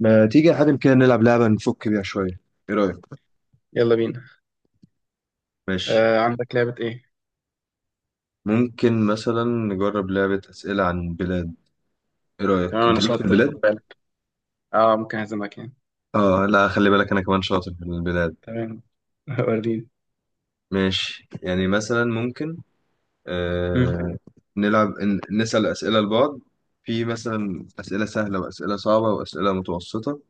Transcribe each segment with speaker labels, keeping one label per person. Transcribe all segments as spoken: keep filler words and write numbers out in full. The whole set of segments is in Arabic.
Speaker 1: ما تيجي يا حاتم كده نلعب لعبة نفك بيها شوية، ايه رأيك؟
Speaker 2: يلا بينا.
Speaker 1: ماشي.
Speaker 2: آه عندك لعبة ايه؟
Speaker 1: ممكن مثلا نجرب لعبة أسئلة عن بلاد. إيه رأيك؟
Speaker 2: تمام انا
Speaker 1: أنت ليك في
Speaker 2: شاطر، خد
Speaker 1: البلاد؟
Speaker 2: بالك. اه ممكن اهزمك يعني.
Speaker 1: آه لا، خلي بالك أنا كمان شاطر في البلاد.
Speaker 2: تمام. وريني.
Speaker 1: ماشي يعني مثلا ممكن
Speaker 2: مم.
Speaker 1: آه نلعب ن- نسأل أسئلة لبعض. في مثلا أسئلة سهلة وأسئلة صعبة وأسئلة متوسطة.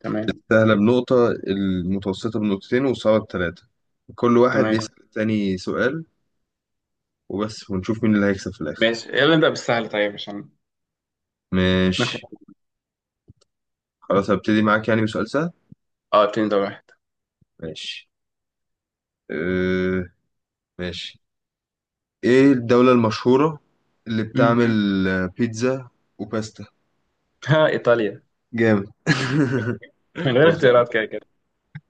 Speaker 2: تمام
Speaker 1: سهلة بنقطة، المتوسطة بنقطتين، والصعبة بثلاثة. كل واحد
Speaker 2: تمام.
Speaker 1: يسأل التاني سؤال وبس، ونشوف مين اللي هيكسب في الآخر.
Speaker 2: ماشي، يلا نبدأ بالسهل طيب عشان
Speaker 1: ماشي
Speaker 2: نخلص.
Speaker 1: خلاص هبتدي معاك يعني بسؤال سهل.
Speaker 2: اه اتنين دور واحد.
Speaker 1: ماشي. أه ماشي. ايه الدولة المشهورة اللي
Speaker 2: مم.
Speaker 1: بتعمل آه، بيتزا وباستا؟
Speaker 2: ها، ايطاليا.
Speaker 1: جامد
Speaker 2: من غير
Speaker 1: هو
Speaker 2: اختيارات
Speaker 1: سؤال،
Speaker 2: كده كده.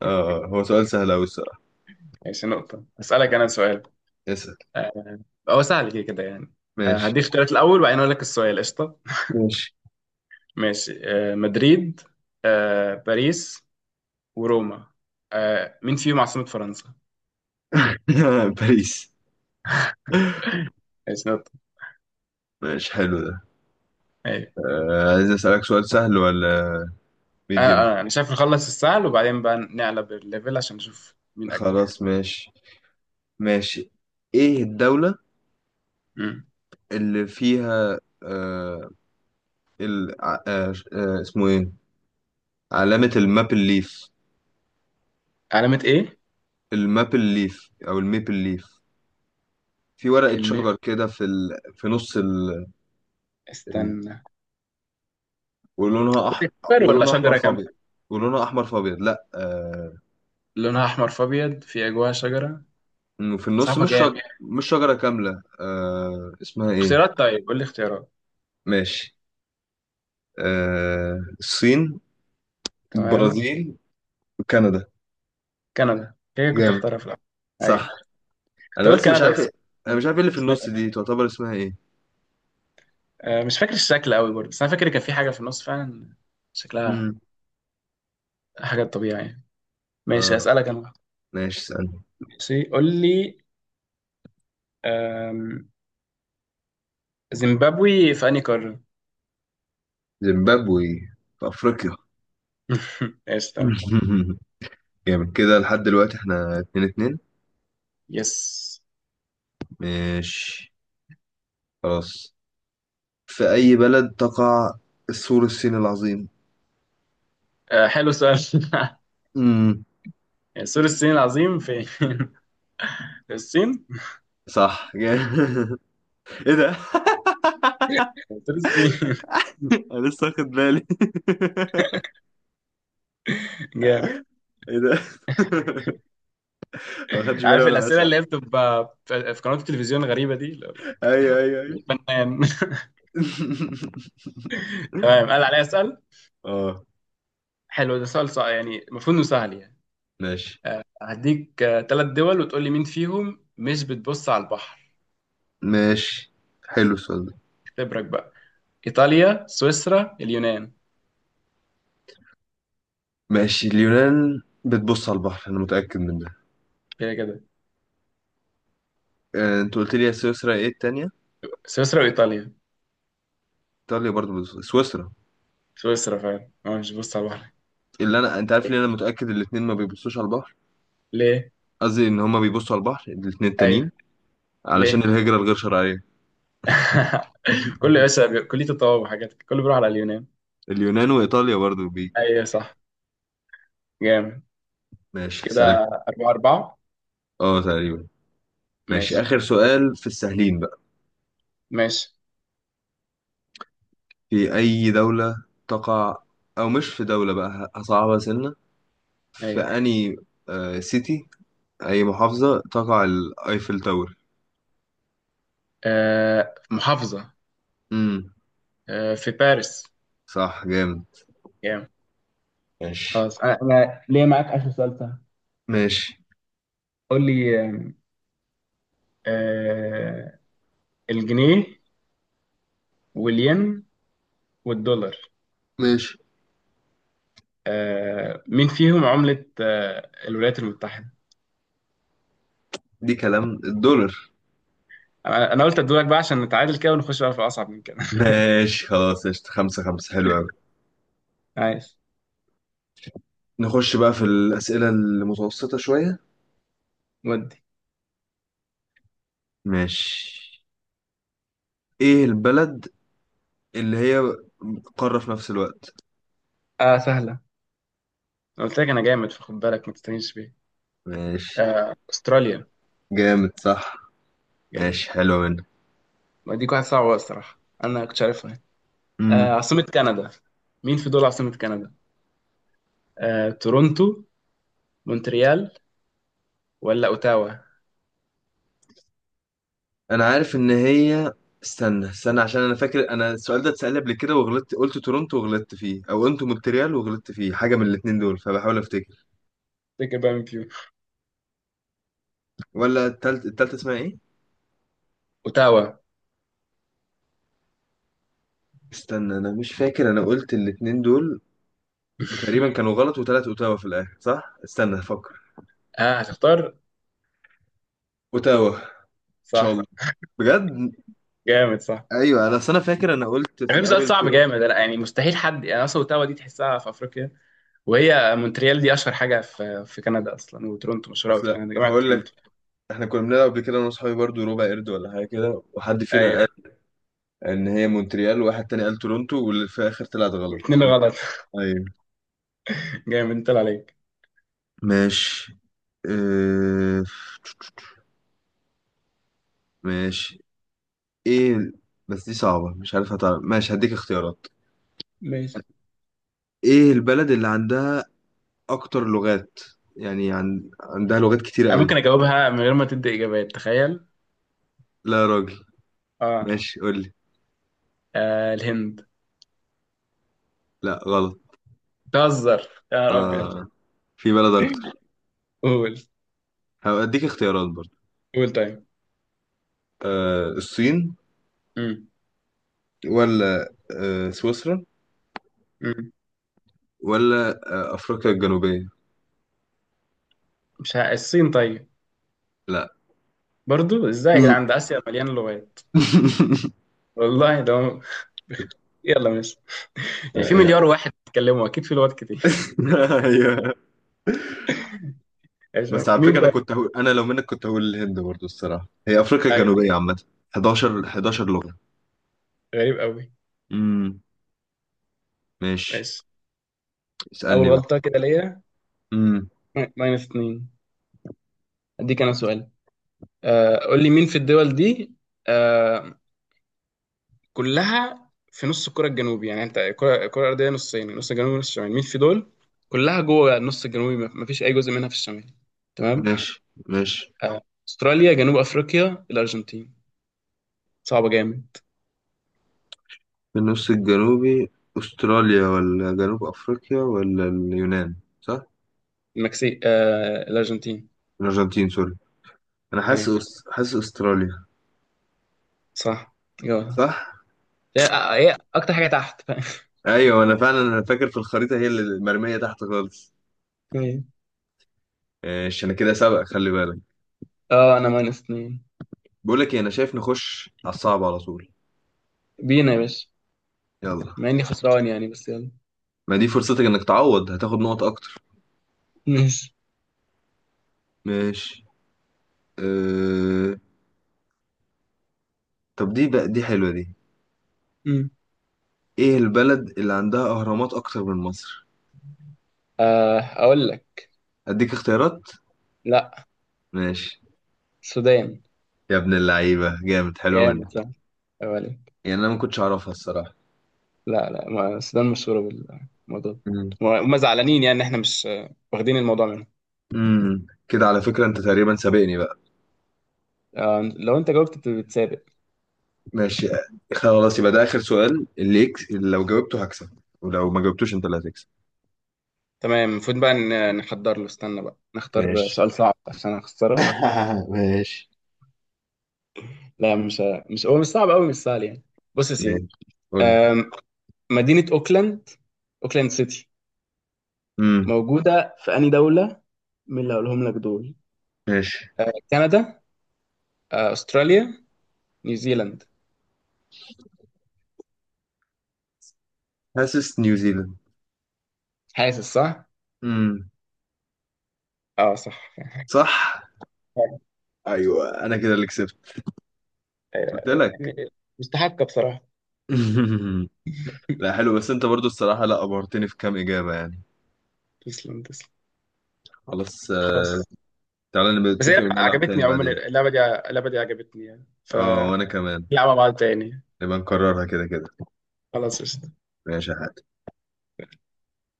Speaker 1: اه هو سؤال سهل أوي الصراحة.
Speaker 2: ماشي نقطة. اسألك انا سؤال.
Speaker 1: اسأل.
Speaker 2: آه هو سهل كده كده يعني. آه
Speaker 1: ماشي.
Speaker 2: هديك اختيارات الاول وبعدين اقول لك السؤال. قشطة.
Speaker 1: ماشي.
Speaker 2: ماشي. آه مدريد، آه باريس، وروما. آه مين فيهم عاصمة فرنسا؟
Speaker 1: باريس.
Speaker 2: ماشي نقطة.
Speaker 1: ماشي حلو ده.
Speaker 2: أيوة.
Speaker 1: آه عايز أسألك سؤال سهل ولا
Speaker 2: اه
Speaker 1: ميديوم؟
Speaker 2: اه يعني شايف نخلص السهل وبعدين بقى نقلب الليفل عشان نشوف مين اجمل.
Speaker 1: خلاص ماشي. ماشي. ايه الدولة
Speaker 2: مم.
Speaker 1: اللي فيها آه ال... ع- آه آه، اسمه ايه، علامة الماب الليف؟
Speaker 2: علامة ايه؟
Speaker 1: المابل ليف او الميبل ليف، في ورقة
Speaker 2: الميل.
Speaker 1: شجر كده في ال... في نص ال... ال...
Speaker 2: استنى.
Speaker 1: ولونها احمر.
Speaker 2: شجر ولا
Speaker 1: ولونها احمر
Speaker 2: شجرة
Speaker 1: في
Speaker 2: كاملة؟
Speaker 1: ابيض ولونها احمر في ابيض لا آه...
Speaker 2: لونها احمر في ابيض، في جواها شجرة.
Speaker 1: إنه في النص
Speaker 2: صعبة
Speaker 1: مش
Speaker 2: جامد.
Speaker 1: شجر، مش شجرة كاملة، آه... اسمها ايه؟
Speaker 2: اختيارات، طيب قول لي اختيارات.
Speaker 1: ماشي. آه... الصين،
Speaker 2: تمام.
Speaker 1: البرازيل، وكندا.
Speaker 2: كندا هي كنت
Speaker 1: جامد
Speaker 2: اختارها في الاول. ايوه،
Speaker 1: صح.
Speaker 2: كنت
Speaker 1: انا
Speaker 2: اقول
Speaker 1: بس مش
Speaker 2: كندا
Speaker 1: عارف
Speaker 2: بس.
Speaker 1: إيه- انا مش عارف ايه اللي في
Speaker 2: مش
Speaker 1: النص
Speaker 2: فاكر.
Speaker 1: دي، تعتبر اسمها ايه.
Speaker 2: آه، مش فاكر الشكل قوي برضه، بس انا فاكر كان في حاجة في النص فعلا. شكلها
Speaker 1: امم
Speaker 2: حاجة طبيعية يعني. ماشي،
Speaker 1: اه
Speaker 2: اسألك انا واحد.
Speaker 1: ماشي. استنى.
Speaker 2: ماشي، قول لي. آم، زيمبابوي في انهي قارة؟
Speaker 1: زيمبابوي في افريقيا
Speaker 2: قشطة.
Speaker 1: جامد، كده لحد دلوقتي احنا اتنين اتنين.
Speaker 2: يس.
Speaker 1: ماشي خلاص. في أي بلد تقع السور الصيني العظيم؟
Speaker 2: آه، حلو السؤال.
Speaker 1: امم
Speaker 2: سور الصين العظيم فين؟ في الصين؟
Speaker 1: صح جامد. ايه ده
Speaker 2: سور الصين.
Speaker 1: انا لسه واخد بالي
Speaker 2: جامد.
Speaker 1: ايه ده ما خدش بالي
Speaker 2: عارف
Speaker 1: وانا
Speaker 2: الأسئلة
Speaker 1: بسأل.
Speaker 2: اللي هي بتبقى في في قنوات التلفزيون الغريبة دي اللي هو
Speaker 1: ايوه ايوه ايوه
Speaker 2: like فنان. تمام، قال عليا أسأل.
Speaker 1: اه.
Speaker 2: حلو ده سؤال صعب، يعني المفروض إنه سهل يعني.
Speaker 1: ماشي.
Speaker 2: هديك ثلاث دول وتقول لي مين فيهم مش بتبص على البحر.
Speaker 1: ماشي. حلو السؤال ده.
Speaker 2: اختبرك بقى. إيطاليا، سويسرا، اليونان.
Speaker 1: ماشي، اليونان بتبص على البحر انا متأكد من ده.
Speaker 2: كده كده.
Speaker 1: آه، انت قلت لي يا سويسرا، ايه التانية؟
Speaker 2: سويسرا وإيطاليا.
Speaker 1: ايطاليا برضو بتبص، سويسرا
Speaker 2: سويسرا فعلا هو مش بتبص على البحر.
Speaker 1: اللي انا، انت عارف ليه انا متأكد الاتنين ما بيبصوش على البحر؟
Speaker 2: ليه؟
Speaker 1: قصدي ان هما بيبصوا على البحر الاتنين التانيين،
Speaker 2: أيوه.
Speaker 1: علشان
Speaker 2: ليه؟
Speaker 1: الهجرة الغير شرعية
Speaker 2: كله يا باشا، كلية الطواب وحاجات، كله بيروح على اليونان.
Speaker 1: اليونان وايطاليا برضو بي.
Speaker 2: ايوه صح. جامد
Speaker 1: ماشي سلام.
Speaker 2: كده. أربعة أربعة.
Speaker 1: اه تقريبا. ماشي
Speaker 2: ماشي.
Speaker 1: اخر سؤال في السهلين بقى.
Speaker 2: ماشي.
Speaker 1: في اي دولة تقع، او مش في دولة بقى ه- هصعبها سنة، في
Speaker 2: أيوة.
Speaker 1: اني آه سيتي اي محافظة تقع الايفل تاور؟
Speaker 2: آه محافظة.
Speaker 1: امم
Speaker 2: آه في باريس.
Speaker 1: صح جامد.
Speaker 2: جامد.
Speaker 1: ماشي.
Speaker 2: خلاص، أنا أنا ليا معاك آخر سؤال سهل.
Speaker 1: ماشي.
Speaker 2: قول لي. آه آه، الجنيه، والين، والدولار.
Speaker 1: ماشي.
Speaker 2: آه مين فيهم عملة آه الولايات المتحدة.
Speaker 1: دي كلام، الدولار.
Speaker 2: أنا أنا قلت أدولك بقى عشان نتعادل كده، ونخش بقى في أصعب من كده.
Speaker 1: ماشي خلاص قشطة، خمسة خمسة، حلو أوي.
Speaker 2: عايز.
Speaker 1: نخش بقى في الأسئلة المتوسطة شوية.
Speaker 2: ودي.
Speaker 1: ماشي. ايه البلد اللي هي قارة في نفس الوقت؟
Speaker 2: آه سهلة. أنا قلت لك أنا جامد، فخد بالك ما تستهينش بيا.
Speaker 1: ماشي
Speaker 2: آه، استراليا
Speaker 1: جامد صح.
Speaker 2: يعني.
Speaker 1: ماشي حلو منك.
Speaker 2: ما دي واحد صعبة بقى الصراحة، انا كنت عارفها. آه،
Speaker 1: امم
Speaker 2: عاصمة كندا. مين في دول عاصمة كندا؟ آه، تورونتو، مونتريال، ولا اوتاوا.
Speaker 1: انا عارف ان هي، استنى استنى، عشان انا فاكر انا السؤال ده اتسأل لي قبل كده وغلطت قلت تورونتو وغلطت فيه، او قلت مونتريال وغلطت فيه، حاجة من الاتنين دول، فبحاول افتكر.
Speaker 2: تفتكر بقى مين فيهم؟
Speaker 1: ولا التالت، التالتة اسمها ايه؟
Speaker 2: اوتاوا.
Speaker 1: استنى انا مش فاكر، انا قلت الاتنين دول وتقريبا كانوا غلط، وتلات اوتاوا في الاخر صح، استنى افكر.
Speaker 2: اه هتختار.
Speaker 1: اوتاوا ان شاء
Speaker 2: صح.
Speaker 1: الله. بجد.
Speaker 2: جامد صح.
Speaker 1: ايوه انا اصل انا فاكر انا قلت في
Speaker 2: يعني سؤال
Speaker 1: الاول
Speaker 2: صعب
Speaker 1: تورنتو.
Speaker 2: جامد انا، يعني مستحيل حد يعني، اصلا اوتاوا دي تحسها في افريقيا. وهي مونتريال دي اشهر حاجه في في كندا اصلا، وتورونتو مشهوره أوي في
Speaker 1: اصل
Speaker 2: كندا، جامعه
Speaker 1: هقول لك،
Speaker 2: تورونتو.
Speaker 1: احنا كنا بنلعب قبل كده انا واصحابي برضو ربع قرد ولا حاجه كده، وحد فينا
Speaker 2: ايوه،
Speaker 1: قال ان هي مونتريال، وواحد تاني قال تورنتو، واللي في الاخر طلعت غلط
Speaker 2: الاثنين
Speaker 1: انا.
Speaker 2: غلط.
Speaker 1: ايوه.
Speaker 2: جامد طلع عليك.
Speaker 1: ماشي. اه... ماشي. ايه، بس دي صعبه مش عارف هتعرف. ماشي هديك اختيارات.
Speaker 2: ماشي.
Speaker 1: ايه البلد اللي عندها اكتر لغات، يعني عن... عندها لغات كتيره
Speaker 2: انا
Speaker 1: قوي؟
Speaker 2: ممكن اجاوبها من غير ما تدي اجابات، تخيل.
Speaker 1: لا يا راجل.
Speaker 2: اه.
Speaker 1: ماشي قول لي.
Speaker 2: آه الهند.
Speaker 1: لا غلط.
Speaker 2: بتهزر يا رب.
Speaker 1: آه. في بلد اكتر،
Speaker 2: قول.
Speaker 1: هديك اختيارات برضو.
Speaker 2: قول طيب.
Speaker 1: آه الصين،
Speaker 2: مم.
Speaker 1: ولا آه سويسرا،
Speaker 2: مم.
Speaker 1: ولا آه أفريقيا الجنوبية؟
Speaker 2: مش ه... الصين طيب.
Speaker 1: لا
Speaker 2: برضو ازاي يا
Speaker 1: مم.
Speaker 2: جدعان، ده اسيا مليان لغات. والله. ده هو- يلا ماشي. يعني في
Speaker 1: هي،
Speaker 2: مليار واحد بيتكلموا، اكيد في لغات كتير.
Speaker 1: هي
Speaker 2: ماشي.
Speaker 1: بس على فكرة
Speaker 2: مين
Speaker 1: أنا
Speaker 2: طيب؟
Speaker 1: كنت هقول، أنا لو منك كنت هقول الهند برضو الصراحة. هي أفريقيا
Speaker 2: ايوه.
Speaker 1: الجنوبية عامة 11 11 لغة.
Speaker 2: غريب قوي.
Speaker 1: امم ماشي.
Speaker 2: ماشي. اول
Speaker 1: اسألني بقى.
Speaker 2: غلطه كده ليا.
Speaker 1: امم
Speaker 2: ماينس اتنين. اديك انا سؤال. آه قول لي مين في الدول دي. آه كلها في نص الكرة الجنوبي. يعني انت الكرة الكرة الأرضية نصين، نص الجنوبي ونص الشمالي. مين في دول كلها جوه النص الجنوبي، ما ما فيش أي جزء منها في الشمال. تمام.
Speaker 1: ماشي. ماشي.
Speaker 2: آه، أستراليا، جنوب أفريقيا، الأرجنتين. صعبة جامد.
Speaker 1: في النص الجنوبي أستراليا ولا جنوب أفريقيا ولا اليونان؟ صح؟
Speaker 2: المكسيك، آه الأرجنتين.
Speaker 1: الأرجنتين سوري، أنا
Speaker 2: أي.
Speaker 1: حاسس، أس- حاسس أستراليا.
Speaker 2: صح. جوه.
Speaker 1: صح؟
Speaker 2: هي هي أكتر حاجة تحت.
Speaker 1: ايوه انا فعلا انا فاكر في الخريطه هي اللي المرميه تحت خالص.
Speaker 2: ايه.
Speaker 1: ايش انا كده سبق، خلي بالك.
Speaker 2: اه أنا ماينس اتنين.
Speaker 1: بقول لك ايه، انا شايف نخش على الصعب على طول.
Speaker 2: بينا يا باشا.
Speaker 1: يلا.
Speaker 2: مع إني خسران يعني، بس يلا.
Speaker 1: ما دي فرصتك انك تعوض، هتاخد نقط اكتر.
Speaker 2: ماشي.
Speaker 1: ماشي. أه... طب دي بقى، دي حلوه دي.
Speaker 2: مم.
Speaker 1: ايه البلد اللي عندها اهرامات اكتر من مصر؟
Speaker 2: آه أقول لك.
Speaker 1: اديك اختيارات؟
Speaker 2: لا،
Speaker 1: ماشي.
Speaker 2: السودان.
Speaker 1: يا ابن اللعيبه جامد، حلوه منك.
Speaker 2: جامد صح. أولي.
Speaker 1: يعني انا ما كنتش اعرفها الصراحه.
Speaker 2: لا لا، ما السودان مشهورة بالموضوع ده.
Speaker 1: امم
Speaker 2: وهم زعلانين يعني إن إحنا مش آه، واخدين الموضوع منهم.
Speaker 1: أمم. كده على فكره انت تقريبا سابقني بقى.
Speaker 2: آه، لو أنت جاوبت بت- بتسابق.
Speaker 1: ماشي. خلاص يبقى ده آخر سؤال، اللي يكس... اللي لو جاوبته هكسب، ولو ما جاوبتوش أنت اللي هتكسب.
Speaker 2: تمام. المفروض بقى ن- نحضر له. استنى بقى، نختار
Speaker 1: ماشي
Speaker 2: سؤال صعب عشان أخسرك.
Speaker 1: ماشي.
Speaker 2: لا مش مش هو مش صعب أوي، مش سهل يعني. بص يا
Speaker 1: ماشي
Speaker 2: سيدي.
Speaker 1: قول لي.
Speaker 2: آم، مدينة أوكلاند، أوكلاند سيتي،
Speaker 1: امم
Speaker 2: موجودة في أي دولة، من اللي هقولهم لك دول؟
Speaker 1: ماشي.
Speaker 2: كندا، آه، أستراليا، نيوزيلاند.
Speaker 1: حاسس نيوزيلاند.
Speaker 2: حاسس صح؟
Speaker 1: امم
Speaker 2: اه صح.
Speaker 1: صح.
Speaker 2: أيوة.
Speaker 1: ايوه انا كده اللي كسبت. قلت
Speaker 2: أيوة.
Speaker 1: لك
Speaker 2: يعني مستحقة بصراحة.
Speaker 1: لا حلو، بس انت برضو الصراحه لا ابهرتني في كام اجابه يعني.
Speaker 2: تسلم تسلم.
Speaker 1: خلاص آه،
Speaker 2: خلاص.
Speaker 1: تعالى نبقى
Speaker 2: بس هي
Speaker 1: نتفق
Speaker 2: لعبة-
Speaker 1: ونلعب
Speaker 2: عجبتني
Speaker 1: تاني
Speaker 2: عموما.
Speaker 1: بعدين.
Speaker 2: اللعبة دي، اللعبة دي عجبتني يعني
Speaker 1: اه وانا كمان،
Speaker 2: فنلعبها بعض تاني.
Speaker 1: نبقى نكررها كده كده.
Speaker 2: خلاص قشطة
Speaker 1: ماشي يا حاج.